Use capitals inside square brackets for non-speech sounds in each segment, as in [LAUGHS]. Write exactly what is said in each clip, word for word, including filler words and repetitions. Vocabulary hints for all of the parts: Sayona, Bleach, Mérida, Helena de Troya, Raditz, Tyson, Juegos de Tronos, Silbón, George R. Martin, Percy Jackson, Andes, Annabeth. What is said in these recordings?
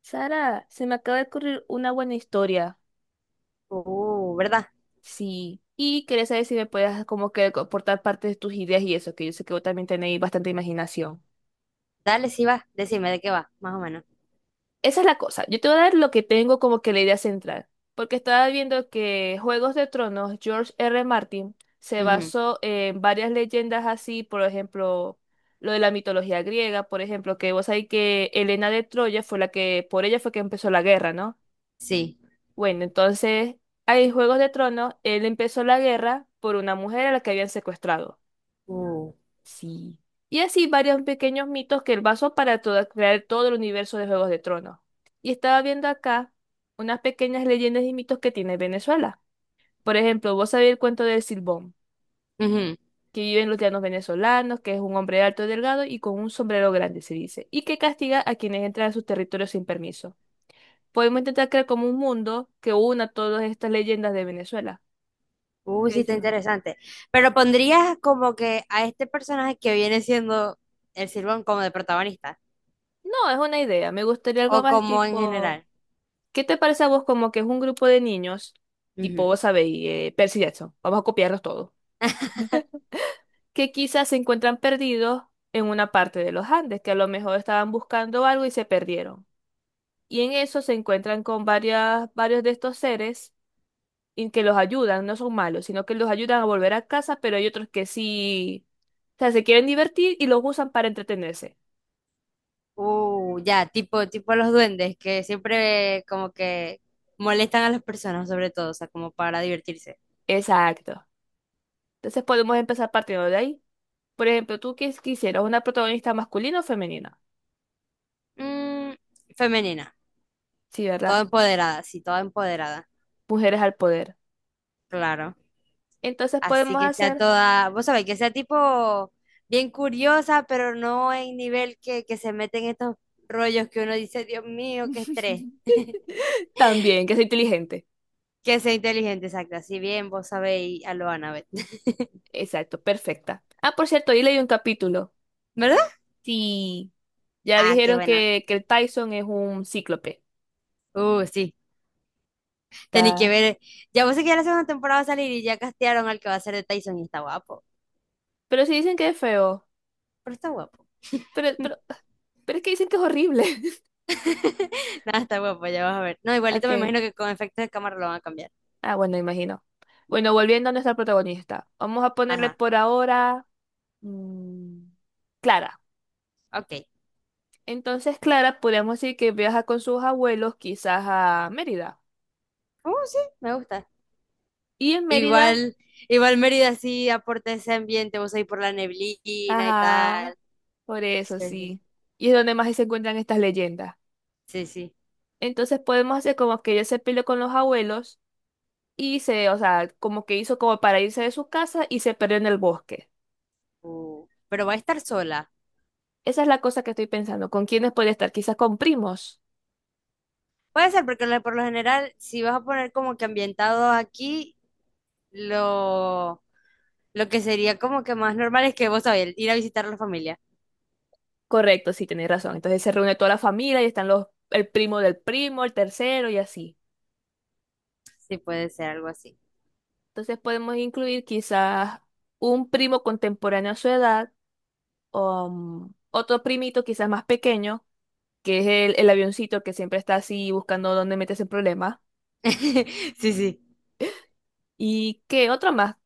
Sara, se me acaba de ocurrir una buena historia. Uh, ¿verdad? Sí. Y quería saber si me puedes como que aportar parte de tus ideas y eso, que yo sé que vos también tenéis bastante imaginación. Dale, sí va. Decime de qué va, más o menos. Esa es la cosa. Yo te voy a dar lo que tengo como que la idea central. Porque estaba viendo que Juegos de Tronos, George R. Martin, se Ujú. basó en varias leyendas así, por ejemplo, lo de la mitología griega, por ejemplo, que vos sabés que Helena de Troya fue la que, por ella fue que empezó la guerra, ¿no? Sí. Bueno, entonces, ahí en Juegos de Tronos, él empezó la guerra por una mujer a la que habían secuestrado. Uh, Sí. Y así varios pequeños mitos que él basó para toda- crear todo el universo de Juegos de Tronos. Y estaba viendo acá unas pequeñas leyendas y mitos que tiene Venezuela. Por ejemplo, vos sabés el cuento del Silbón, Ujú. que vive en los llanos venezolanos, que es un hombre alto y delgado y con un sombrero grande, se dice, y que castiga a quienes entran a sus territorios sin permiso. Podemos intentar crear como un mundo que una todas estas leyendas de Venezuela. Uh, ¿Qué Sí, está decías? interesante. Pero pondrías como que a este personaje que viene siendo el Silbón como de protagonista No, es una idea. Me gustaría algo o más como en tipo, general. ¿qué te parece a vos como que es un grupo de niños, tipo, Ujú. vos sabéis, eh, Percy Jackson, vamos a copiarlos todos, que quizás se encuentran perdidos en una parte de los Andes, que a lo mejor estaban buscando algo y se perdieron. Y en eso se encuentran con varias, varios de estos seres y que los ayudan, no son malos, sino que los ayudan a volver a casa, pero hay otros que sí, o sea, se quieren divertir y los usan para entretenerse. Uh, ya, tipo, tipo los duendes que siempre como que molestan a las personas, sobre todo, o sea, como para divertirse. Exacto. Entonces podemos empezar partiendo de ahí. Por ejemplo, tú qué quisieras una protagonista masculina o femenina. Mm, Femenina, Sí, ¿verdad? toda empoderada, sí, toda empoderada. Mujeres al poder. Claro. Entonces Así podemos que sea hacer toda, vos sabés, que sea tipo bien curiosa, pero no en nivel que, que se mete en estos rollos que uno dice, Dios mío, qué estrés. [LAUGHS] también que sea inteligente. Que sea inteligente, exacto. Así bien, vos sabéis a lo Annabeth. [LAUGHS] Exacto, perfecta. Ah, por cierto, ahí leí un capítulo. ¿Verdad? Sí, ya Ah, qué dijeron buena. que, que el Tyson es un cíclope. Uh, sí. Tení que Ta- ver. Ya vos sé que ya la segunda temporada va a salir y ya castearon al que va a ser de Tyson y está guapo. Pero sí dicen que es feo. Pero está guapo. Pero, pero, pero es que dicen que es horrible. [LAUGHS] [LAUGHS] Nada, está guapo, ya vas a ver. No, igualito me Ok. imagino que con efectos de cámara lo van a cambiar. Ah, bueno, imagino. Bueno, volviendo a nuestra protagonista. Vamos a ponerle Ajá, por ahora mm, Clara. ok. Entonces Clara, podríamos decir que viaja con sus abuelos quizás a Mérida. Uh, sí, me gusta. Y en Mérida, Igual, igual Mérida sí aporta ese ambiente, vos ahí por la neblina y ajá, tal. por eso Sí, sí. Y es donde más se encuentran estas leyendas. sí, sí. Entonces podemos hacer como que ella se peleó con los abuelos y se, o sea, como que hizo como para irse de su casa y se perdió en el bosque. Uh, Pero va a estar sola. Esa es la cosa que estoy pensando. ¿Con quiénes podría estar? Quizás con primos. Puede ser, porque lo- por lo general, si vas a poner como que ambientado aquí, lo, lo que sería como que más normal es que, vos sabés, ir a visitar a la familia. Correcto, sí, tenés razón. Entonces se reúne toda la familia y están los, el primo del primo, el tercero y así. Sí, puede ser algo así. Entonces podemos incluir quizás un primo contemporáneo a su edad o mm, otro primito quizás más pequeño, que es el, el avioncito que siempre está así buscando dónde meterse en problemas. [LAUGHS] Sí, sí. ¿Y qué otro más?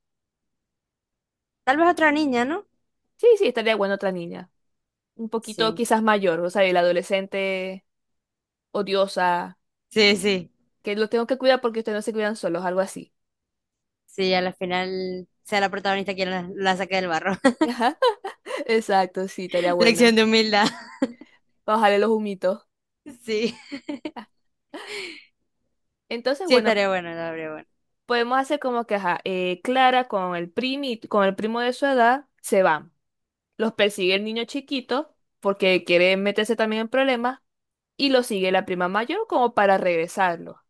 Tal vez otra niña, ¿no? Sí, sí, estaría bueno otra niña. Un poquito Sí, quizás mayor, o sea, el adolescente odiosa, sí, sí. que lo tengo que cuidar porque ustedes no se cuidan solos, algo así. Sí, a la final sea la protagonista quien la, la saque del barro. [LAUGHS] Ajá, exacto, sí, estaría [LAUGHS] bueno. Lección de humildad. [LAUGHS] Bajarle los humitos. Sí. Entonces, Sí, bueno, estaría bueno, estaría bueno. podemos hacer como que, ajá, eh, Clara con el primi, con el primo de su edad se van. Los persigue el niño chiquito porque quiere meterse también en problemas y lo sigue la prima mayor como para regresarlo.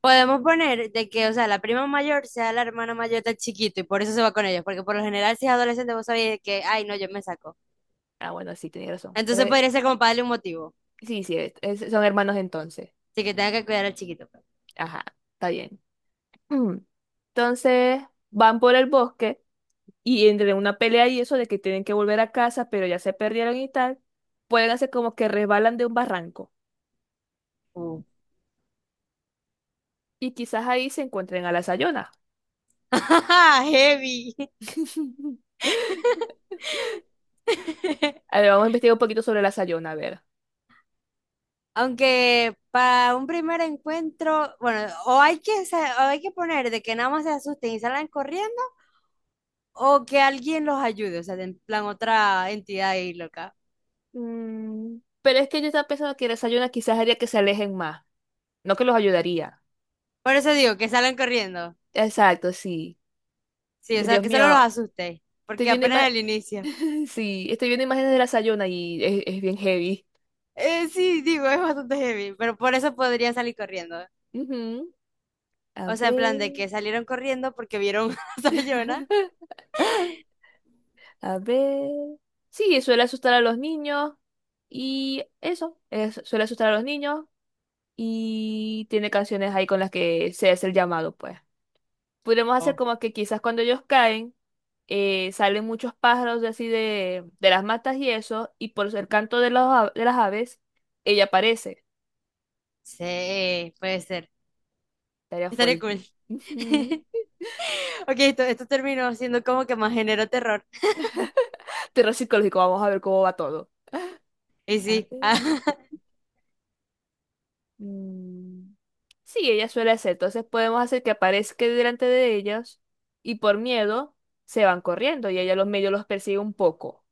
Podemos poner de que, o sea, la prima mayor sea la hermana mayor del chiquito y por eso se va con ellos, porque por lo general si es adolescente vos sabés que, ay, no, yo me saco. Ah, bueno, sí, tenía razón. Entonces Entonces, podría ser como para darle un motivo, sí, sí, es- es- son hermanos entonces. así que tenga que cuidar al chiquito, pues. Ajá, está bien. Mm. Entonces, van por el bosque y entre una pelea y eso de que tienen que volver a casa, pero ya se perdieron y tal, pueden hacer como que resbalan de un barranco Uh, y quizás ahí se encuentren a la Sayona. [LAUGHS] Heavy. [LAUGHS] A ver, vamos a investigar un poquito sobre la Sayona, a ver. Aunque para un primer encuentro, bueno, o hay que, sa- o hay que poner de que nada más se asusten y salgan corriendo, o que alguien los ayude, o sea, de en plan otra entidad ahí loca. Mm, pero es que yo estaba pensando que la Sayona quizás haría que se alejen más, no que los ayudaría. Por eso digo, que salgan corriendo. Exacto, sí. Y Sí, o que sea, Dios que solo los mío, asustéis, estoy porque viendo apenas es ima- el inicio. [LAUGHS] sí, estoy viendo imágenes de la Sayona y es, es bien heavy. Eh, sí, digo, es bastante heavy, pero por eso podría salir corriendo. Ujú. A O sea, en plan de ver. que salieron corriendo porque vieron [LAUGHS] a Sayona. [LAUGHS] A ver. Sí, suele asustar a los niños. Y eso, es- suele asustar a los niños. Y tiene canciones ahí con las que se hace el llamado, pues. Podríamos hacer Oh. como que quizás cuando ellos caen, eh, salen muchos pájaros de así de, de las matas y eso, y por el canto de, los a- de las aves, ella aparece. Sí, puede ser. Estaría Estaría cool. fuerte. Ujú. [LAUGHS] Ok, esto, esto terminó siendo como que más género terror. [LAUGHS] Terror psicológico, vamos a ver cómo va todo. Y A sí, [LAUGHS] ah, ver, mm. Sí, ella suele hacer. Entonces podemos hacer que aparezca delante de ellos y por miedo se van corriendo y ella los medio los persigue un poco.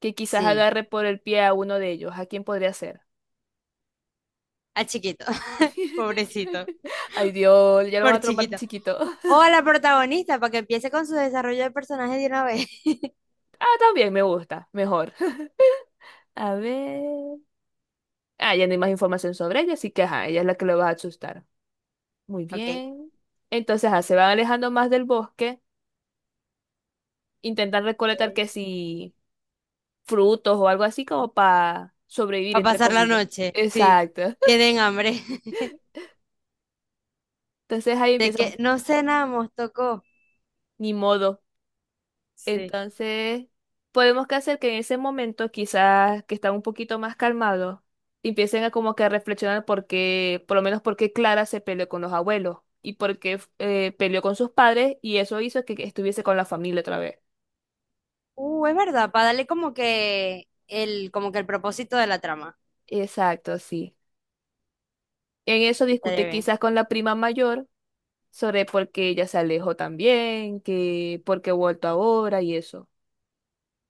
Que quizás sí, agarre por el pie a uno de ellos. ¿A quién podría ser? a chiquito, [LAUGHS] pobrecito, [LAUGHS] Ay, Dios, ya lo por van a trompar de chiquito. chiquito. O a la protagonista para que empiece con su desarrollo de personaje de una vez. [LAUGHS] Ah, también me gusta, mejor. [LAUGHS] A ver. Ah, ya no hay más información sobre ella, así que ajá, ella es la que lo va a asustar. Muy Ok. bien. Entonces, ah, se van alejando más del bosque, intentan recolectar que si frutos o algo así como para sobrevivir, Para entre pasar la comillas. noche, sí. Exacto. [LAUGHS] Tienen hambre. [LAUGHS] Entonces ahí De que empiezan, no cenamos, tocó. ni modo. Sí. Entonces, podemos que hacer que en ese momento, quizás que están un poquito más calmados, empiecen a como que a reflexionar por qué, por lo menos por qué Clara se peleó con los abuelos y por qué eh, peleó con sus padres y eso hizo que que estuviese con la familia otra vez. Uh, es verdad, para darle como que el, como que el propósito de la trama. Exacto, sí. En eso Estaría discute bien. quizás con la prima mayor sobre por qué ella se alejó también, que por qué ha vuelto ahora y eso.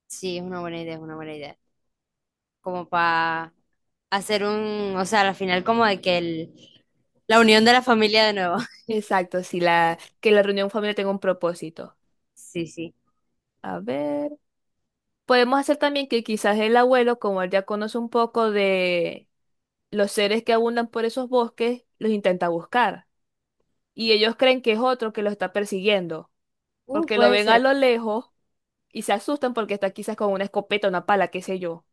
Sí, es una buena idea, es una buena idea. Como para hacer un, o sea, al final como de que el, la unión de la familia de nuevo. [LAUGHS] Exacto, sí, la, que la reunión familiar tenga un propósito. Sí, sí. A ver. Podemos hacer también que quizás el abuelo, como él ya conoce un poco de los seres que abundan por esos bosques, los intenta buscar. Y ellos creen que es otro que los está persiguiendo, Uh, porque lo Puede ven a ser. lo lejos y se asustan porque está quizás con una escopeta, una pala, qué sé yo.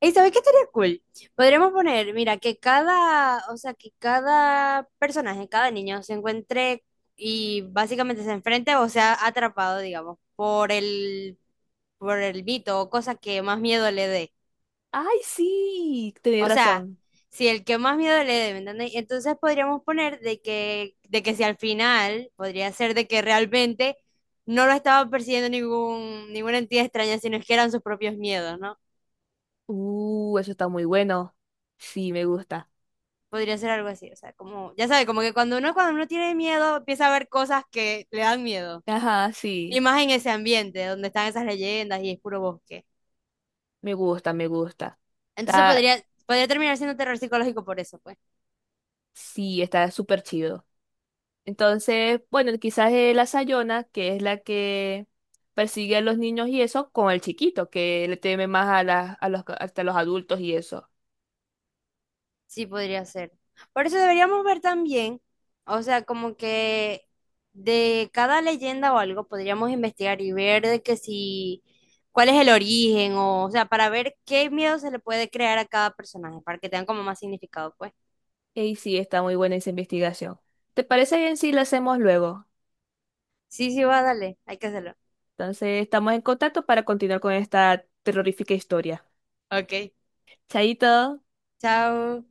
¿Y sabes qué estaría cool? Podríamos poner, mira, que cada, o sea, que cada personaje, cada niño se encuentre y básicamente se enfrente o sea atrapado, digamos, por el, por el mito o cosa que más miedo le dé. ¡Ay, sí! Tenés O sea, razón. si el que más miedo le dé, ¿me entiendes? Entonces podríamos poner de que, de que si al final podría ser de que realmente no lo estaba persiguiendo ningún, ninguna entidad extraña, sino que eran sus propios miedos, ¿no? Uh, eso está muy bueno. Sí, me gusta. Podría ser algo así, o sea, como, ya sabe, como que cuando uno, cuando uno tiene miedo, empieza a ver cosas que le dan miedo. Ajá, Y sí. más en ese ambiente, donde están esas leyendas y es puro bosque. Me gusta, me gusta. Entonces Está, podría, podría terminar siendo terror psicológico por eso, pues. sí, está súper chido. Entonces, bueno, quizás es la Sayona, que es la que persigue a los niños y eso, con el chiquito, que le teme más a, las a los, hasta los adultos y eso. Sí, podría ser. Por eso deberíamos ver también, o sea, como que de cada leyenda o algo podríamos investigar y ver de que si, cuál es el origen, o, o sea, para ver qué miedo se le puede crear a cada personaje, para que tengan como más significado, pues. Y sí, está muy buena esa investigación. ¿Te parece bien si la hacemos luego? Sí, sí, va, dale, hay que hacerlo. Entonces, estamos en contacto para continuar con esta terrorífica historia. Ok. Chaito. Chao.